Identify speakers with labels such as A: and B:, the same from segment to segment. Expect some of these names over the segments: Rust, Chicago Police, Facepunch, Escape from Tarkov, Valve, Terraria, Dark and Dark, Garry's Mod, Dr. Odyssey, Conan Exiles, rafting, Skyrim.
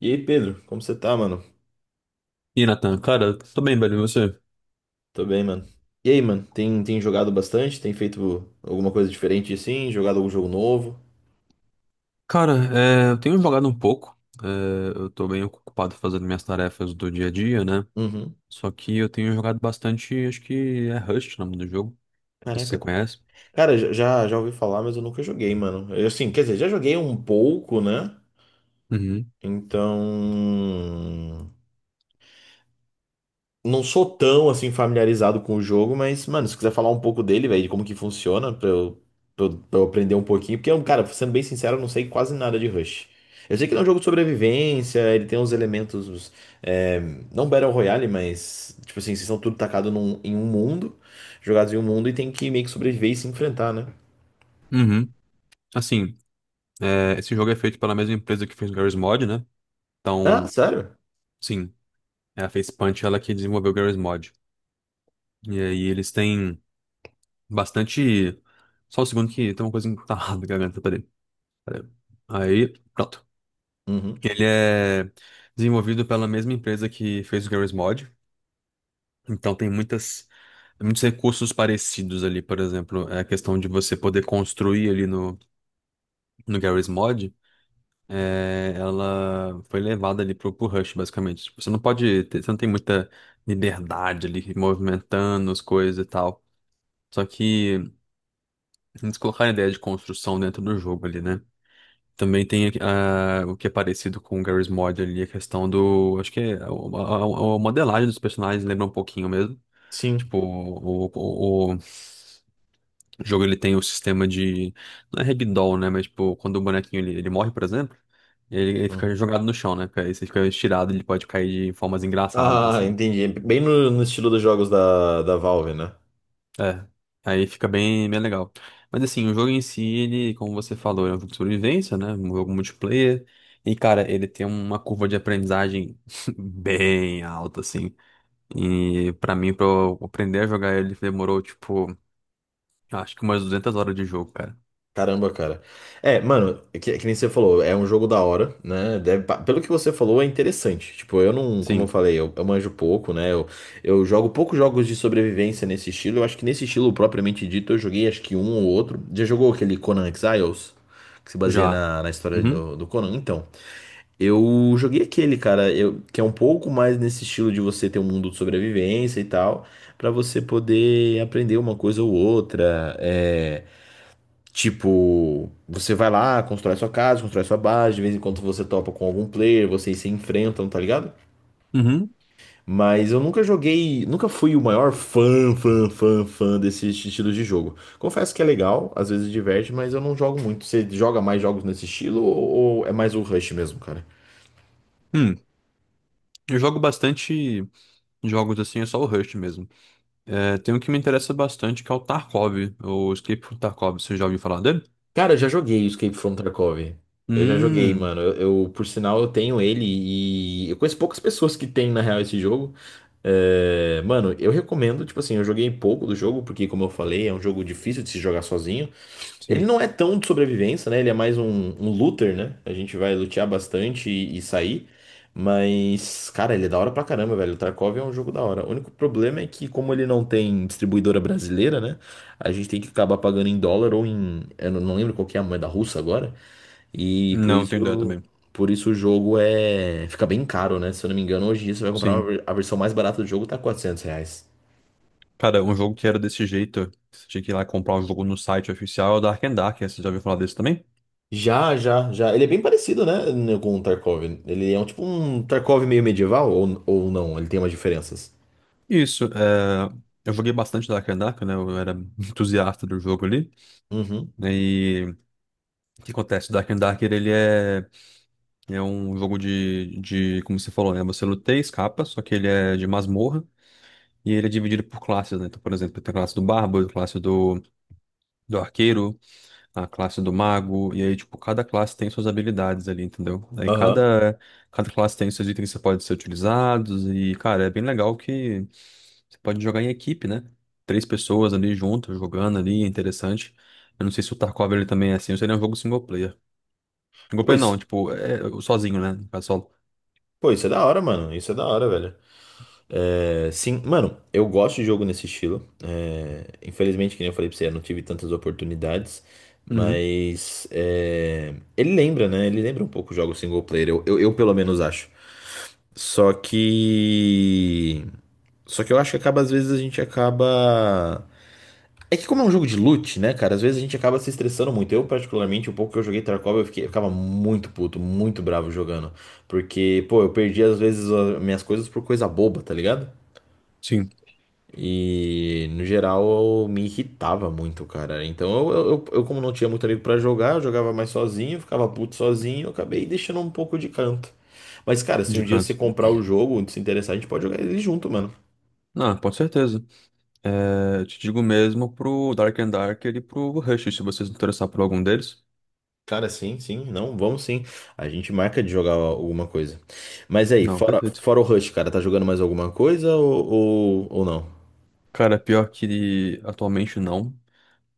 A: E aí, Pedro, como você tá, mano?
B: E Nathan, cara, tô bem, velho, e você?
A: Tô bem, mano. E aí, mano, tem jogado bastante? Tem feito alguma coisa diferente assim? Jogado algum jogo novo?
B: Cara, eu tenho jogado um pouco, é, eu tô bem ocupado fazendo minhas tarefas do dia a dia, né?
A: Uhum.
B: Só que eu tenho jogado bastante, acho que é Rust o nome do jogo, não sei se você
A: Caraca.
B: conhece.
A: Cara, já ouvi falar, mas eu nunca joguei, mano. Assim, quer dizer, já joguei um pouco, né?
B: Uhum,
A: Então. Não sou tão assim familiarizado com o jogo, mas, mano, se quiser falar um pouco dele, velho, de como que funciona, pra eu aprender um pouquinho, porque eu, cara, sendo bem sincero, eu não sei quase nada de Rush. Eu sei que ele é um jogo de sobrevivência, ele tem uns elementos, é, não Battle Royale, mas, tipo assim, vocês são tudo tacados em um mundo, jogados em um mundo e tem que meio que sobreviver e se enfrentar, né?
B: uhum. Assim, esse jogo é feito pela mesma empresa que fez o GarageMod, né?
A: Ah,
B: Então,
A: sério?
B: sim, é a Facepunch, ela que desenvolveu o GarageMod. E aí eles têm bastante. Só um segundo que tem uma coisa que tá errada na garganta, peraí, peraí. Aí, pronto.
A: Uhum.
B: Ele é desenvolvido pela mesma empresa que fez o Garry's Mod, então tem muitas, muitos recursos parecidos ali, por exemplo, a questão de você poder construir ali no Garry's Mod, ela foi levada ali pro Rush, basicamente. Tipo, você não pode ter, você não tem muita liberdade ali, movimentando as coisas e tal. Só que eles colocaram a ideia de construção dentro do jogo ali, né? Também tem o que é parecido com o Garry's Mod ali, a questão do. Acho que é a modelagem dos personagens lembra um pouquinho mesmo.
A: Sim.
B: Tipo, o jogo ele tem o sistema de. Não é ragdoll, né? Mas, tipo, quando o bonequinho ele morre, por exemplo, ele
A: Hum.
B: fica jogado no chão, né? Aí você fica estirado, ele pode cair de formas engraçadas,
A: Ah,
B: assim.
A: entendi. Bem no estilo dos jogos da Valve, né?
B: É, aí fica bem, bem legal. Mas assim, o jogo em si, ele, como você falou, é um jogo de sobrevivência, né? Um jogo multiplayer. E, cara, ele tem uma curva de aprendizagem bem alta, assim. E pra mim, pra eu aprender a jogar ele, demorou, tipo, acho que umas 200 horas de jogo, cara.
A: Caramba, cara. É, mano, que nem você falou, é um jogo da hora, né? Deve pelo que você falou, é interessante. Tipo, eu não, como eu
B: Sim,
A: falei, eu manjo pouco, né? Eu jogo poucos jogos de sobrevivência nesse estilo. Eu acho que nesse estilo propriamente dito, eu joguei acho que um ou outro. Já jogou aquele Conan Exiles? Que se baseia
B: já.
A: na história
B: Uhum,
A: do Conan? Então, eu joguei aquele, cara, que é um pouco mais nesse estilo de você ter um mundo de sobrevivência e tal, pra você poder aprender uma coisa ou outra. É. Tipo, você vai lá, constrói sua casa, constrói sua base, de vez em quando você topa com algum player, vocês se enfrentam, tá ligado?
B: uhum.
A: Mas eu nunca joguei, nunca fui o maior fã, fã, fã, fã desse estilo de jogo. Confesso que é legal, às vezes diverte, mas eu não jogo muito. Você joga mais jogos nesse estilo ou é mais o Rush mesmo, cara?
B: Hum, eu jogo bastante jogos assim, é só o Rust mesmo. É, tem um que me interessa bastante, que é o Tarkov, o Escape from Tarkov, você já ouviu falar dele?
A: Cara, eu já joguei o Escape from Tarkov. Eu já joguei,
B: Hum,
A: mano. Por sinal, eu tenho ele e eu conheço poucas pessoas que têm, na real, esse jogo. É, mano, eu recomendo, tipo assim, eu joguei pouco do jogo, porque, como eu falei, é um jogo difícil de se jogar sozinho. Ele
B: sim.
A: não é tão de sobrevivência, né? Ele é mais um looter, né? A gente vai lutear bastante e sair. Mas, cara, ele é da hora pra caramba, velho. O Tarkov é um jogo da hora. O único problema é que, como ele não tem distribuidora brasileira, né? A gente tem que acabar pagando em dólar ou em. Eu não lembro qual que é a moeda russa agora. E por
B: Não, tenho ideia
A: isso.
B: também.
A: Por isso o jogo é. Fica bem caro, né? Se eu não me engano, hoje em dia você vai comprar uma
B: Sim.
A: a versão mais barata do jogo, tá R$ 400.
B: Cara, um jogo que era desse jeito, que você tinha que ir lá comprar o jogo no site oficial, é o Dark and Dark. Você já ouviu falar desse também?
A: Já, já, já. Ele é bem parecido, né, com o Tarkov. Ele é um tipo um Tarkov meio medieval ou não? Ele tem umas diferenças.
B: Isso, eu joguei bastante Dark and Dark, né? Eu era entusiasta do jogo ali.
A: Uhum.
B: Né, e o que acontece? Dark and Dark, ele é um jogo de, como você falou, né? Você luta e escapa, só que ele é de masmorra e ele é dividido por classes, né? Então, por exemplo, tem a classe do Bárbaro, a classe do Arqueiro, a classe do mago, e aí, tipo, cada classe tem suas habilidades ali, entendeu? Aí
A: Aham.
B: cada classe tem seus itens que você pode ser utilizados, e, cara, é bem legal que você pode jogar em equipe, né? 3 pessoas ali juntas, jogando ali, é interessante. Eu não sei se o Tarkov ele também é assim, ou se ele é um jogo single player. Single player não,
A: Pois,
B: tipo, é sozinho, né? No caso, solo.
A: pô, isso é da hora, mano. Isso é da hora, velho. É, sim, mano, eu gosto de jogo nesse estilo. É, infelizmente, que nem eu falei pra você, eu não tive tantas oportunidades.
B: Uhum.
A: Mas é, ele lembra, né? Ele lembra um pouco o jogo single player. Eu pelo menos acho. Só que. Só que eu acho que acaba, às vezes, a gente acaba. É que como é um jogo de loot, né, cara, às vezes a gente acaba se estressando muito. Eu, particularmente, o pouco que eu joguei Tarkov, eu ficava muito puto, muito bravo jogando. Porque, pô, eu perdi às vezes as minhas coisas por coisa boba, tá ligado?
B: Sim,
A: E, no geral, eu, me irritava muito, cara. Então, como não tinha muito amigo pra jogar, eu jogava mais sozinho, ficava puto sozinho, eu acabei deixando um pouco de canto. Mas, cara, se
B: de
A: um dia você
B: canto.
A: comprar o jogo, se interessar, a gente pode jogar ele junto, mano.
B: Não, com certeza. É, eu te digo mesmo pro Dark and dark e pro Rush, se você se interessar por algum deles.
A: Cara, sim, sim, não, vamos sim. A gente marca de jogar alguma coisa. Mas aí,
B: Não,
A: fora,
B: perfeito.
A: fora o Rush, cara, tá jogando mais alguma coisa ou não?
B: Cara, pior que atualmente não.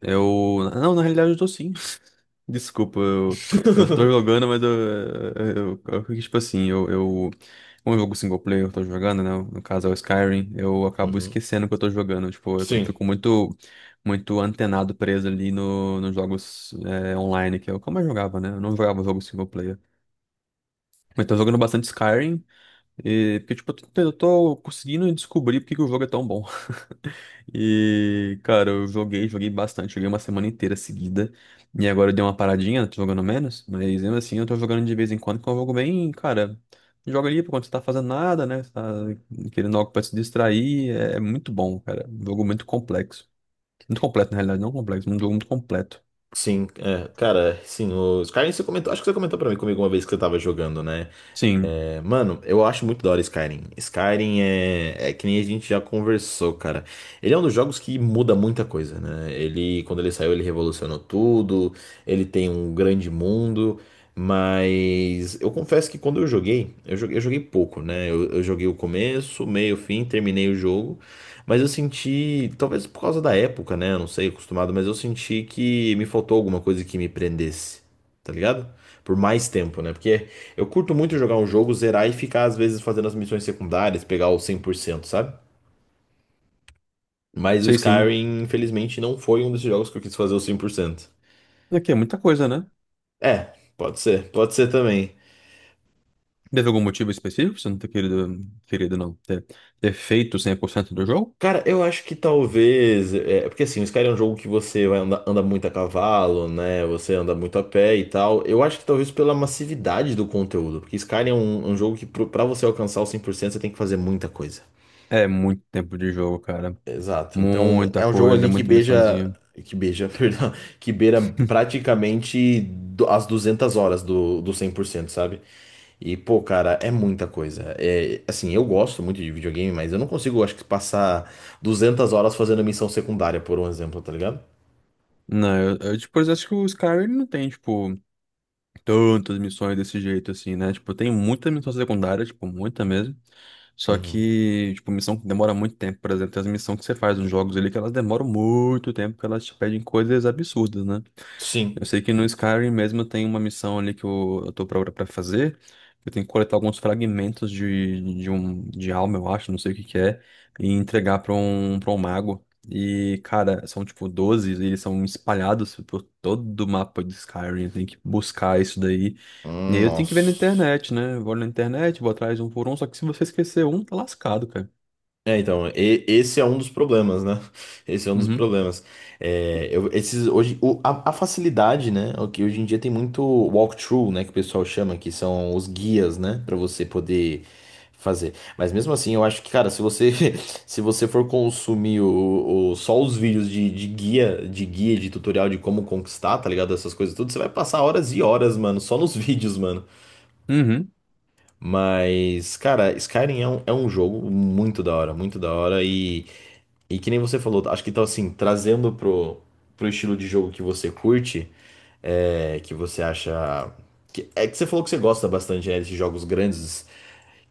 B: Eu. Não, na realidade eu tô sim. Desculpa, eu, tô jogando, mas eu, eu- tipo assim, eu. Como é um jogo single player eu tô jogando, né? No caso é o Skyrim, eu acabo
A: Uhum.
B: esquecendo que eu tô jogando. Tipo,
A: Sim.
B: fico muito, muito antenado preso ali no, nos jogos online, que é como eu jogava, né? Eu não jogava jogo single player. Mas tô jogando bastante Skyrim, e, porque, tipo, eu tô conseguindo descobrir porque que o jogo é tão bom. E, cara, eu joguei, joguei bastante, joguei uma semana inteira seguida. E agora eu dei uma paradinha, tô jogando menos, mas mesmo assim eu tô jogando de vez em quando, que é um jogo bem, cara, joga ali quando você tá fazendo nada, né? Você tá querendo algo pra se distrair, é muito bom, cara. Um jogo muito complexo. Muito completo, na realidade, não complexo, um jogo muito completo.
A: Sim, é, cara, sim, os Skyrim você comentou, acho que você comentou pra mim comigo uma vez que você tava jogando, né?
B: Sim,
A: É, mano, eu acho muito da hora Skyrim. Skyrim é que nem a gente já conversou, cara. Ele é um dos jogos que muda muita coisa, né? Ele, quando ele saiu, ele revolucionou tudo, ele tem um grande mundo, mas eu confesso que quando eu joguei pouco, né? Eu joguei o começo, meio, fim, terminei o jogo. Mas eu senti, talvez por causa da época, né? Eu não sei, acostumado, mas eu senti que me faltou alguma coisa que me prendesse, tá ligado? Por mais tempo, né? Porque eu curto muito jogar um jogo, zerar e ficar, às vezes, fazendo as missões secundárias, pegar o 100%, sabe? Mas o
B: sei sim.
A: Skyrim, infelizmente, não foi um desses jogos que eu quis fazer o 100%.
B: Aqui é muita coisa, né?
A: É, pode ser também.
B: Teve algum motivo específico pra você não ter querido, querido não, ter feito 100% do jogo?
A: Cara, eu acho que talvez. É, porque assim, o Skyrim é um jogo que você vai anda muito a cavalo, né? Você anda muito a pé e tal. Eu acho que talvez pela massividade do conteúdo. Porque Skyrim é um jogo que pra você alcançar o 100% você tem que fazer muita coisa.
B: É muito tempo de jogo, cara.
A: Exato. Então,
B: Muita
A: é um jogo
B: coisa, é
A: ali
B: muita missãozinha.
A: que beija, perdão, que beira praticamente as 200 horas do 100%, sabe? E, pô, cara, é muita coisa. É, assim, eu gosto muito de videogame, mas eu não consigo, acho que, passar 200 horas fazendo missão secundária, por um exemplo, tá ligado?
B: Não, tipo, eu acho que o Skyrim ele não tem, tipo, tantas missões desse jeito, assim, né? Tipo, tem muita missão secundária, tipo, muita mesmo. Só
A: Uhum.
B: que, tipo, missão que demora muito tempo, por exemplo, tem as missões que você faz nos jogos ali que elas demoram muito tempo, porque elas te pedem coisas absurdas, né? Eu
A: Sim.
B: sei que no Skyrim mesmo tem uma missão ali que eu tô pra fazer. Eu tenho que coletar alguns fragmentos de, um, de alma, eu acho, não sei o que que é, e entregar pra um, mago. E, cara, são tipo 12, e eles são espalhados por todo o mapa de Skyrim. Eu tenho que buscar isso daí. E aí eu tenho que ver na
A: Nossa.
B: internet, né? Eu vou na internet, vou atrás um por um, só que se você esquecer um, tá lascado, cara.
A: É, então, esse é um dos problemas, né? Esse é um dos
B: Uhum.
A: problemas. É, esses, hoje, a, facilidade, né? O que hoje em dia tem muito walkthrough, né? Que o pessoal chama, que são os guias, né? Pra você poder fazer. Mas mesmo assim, eu acho que, cara, se você, se você for consumir só os vídeos de guia, de tutorial de como conquistar, tá ligado? Essas coisas tudo, você vai passar horas e horas, mano, só nos vídeos, mano.
B: Uhum.
A: Mas, cara, Skyrim é um, jogo muito da hora, muito da hora, e que nem você falou, acho que então assim, trazendo pro estilo de jogo que você curte, é, que você acha. É que você falou que você gosta bastante, né, desses jogos grandes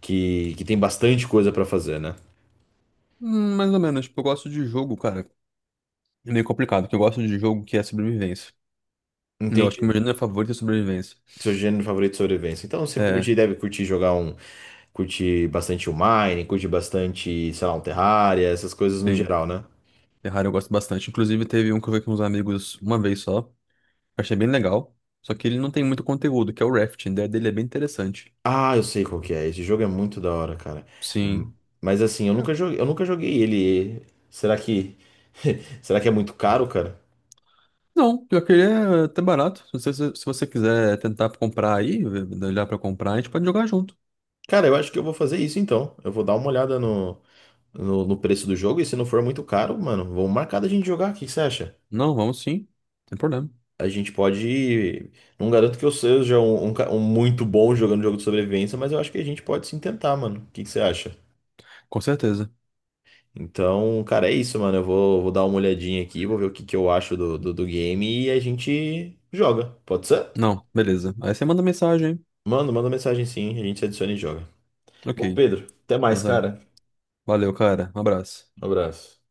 A: que tem bastante coisa pra fazer, né?
B: Mais ou menos, tipo, eu gosto de jogo, cara. É meio complicado, porque eu gosto de jogo que é sobrevivência. Eu acho que o
A: Entendi.
B: meu gênero favorito é sobrevivência.
A: Seu gênero favorito de sobrevivência. Então você curte,
B: É,
A: deve curtir jogar um. Curte bastante o Mine, curte bastante, sei lá, um Terraria, essas coisas no
B: sim.
A: geral, né?
B: Terraria eu gosto bastante. Inclusive, teve um que eu vi com uns amigos uma vez só. Achei bem legal. Só que ele não tem muito conteúdo, que é o rafting. A ideia dele é bem interessante.
A: Ah, eu sei qual que é. Esse jogo é muito da hora, cara. Hum,
B: Sim.
A: Mas assim, eu nunca joguei ele. Será que será que é muito caro, cara?
B: Não, pior que ele é até barato. Se você quiser tentar comprar aí, olhar pra comprar, a gente pode jogar junto.
A: Cara, eu acho que eu vou fazer isso então. Eu vou dar uma olhada no preço do jogo e se não for muito caro, mano, vamos marcar da gente jogar. O que que você acha?
B: Não, vamos sim. Sem problema.
A: A gente pode. Não garanto que eu seja um muito bom jogando jogo de sobrevivência, mas eu acho que a gente pode sim tentar, mano. O que que você acha?
B: Com certeza.
A: Então, cara, é isso, mano. Eu vou dar uma olhadinha aqui, vou ver o que eu acho do game e a gente joga. Pode ser?
B: Não, beleza. Aí você manda mensagem.
A: Manda mensagem sim, a gente se adiciona e joga.
B: Ok.
A: Bom, Pedro, até
B: Ah,
A: mais,
B: tá.
A: cara.
B: Valeu, cara. Um abraço.
A: Um abraço.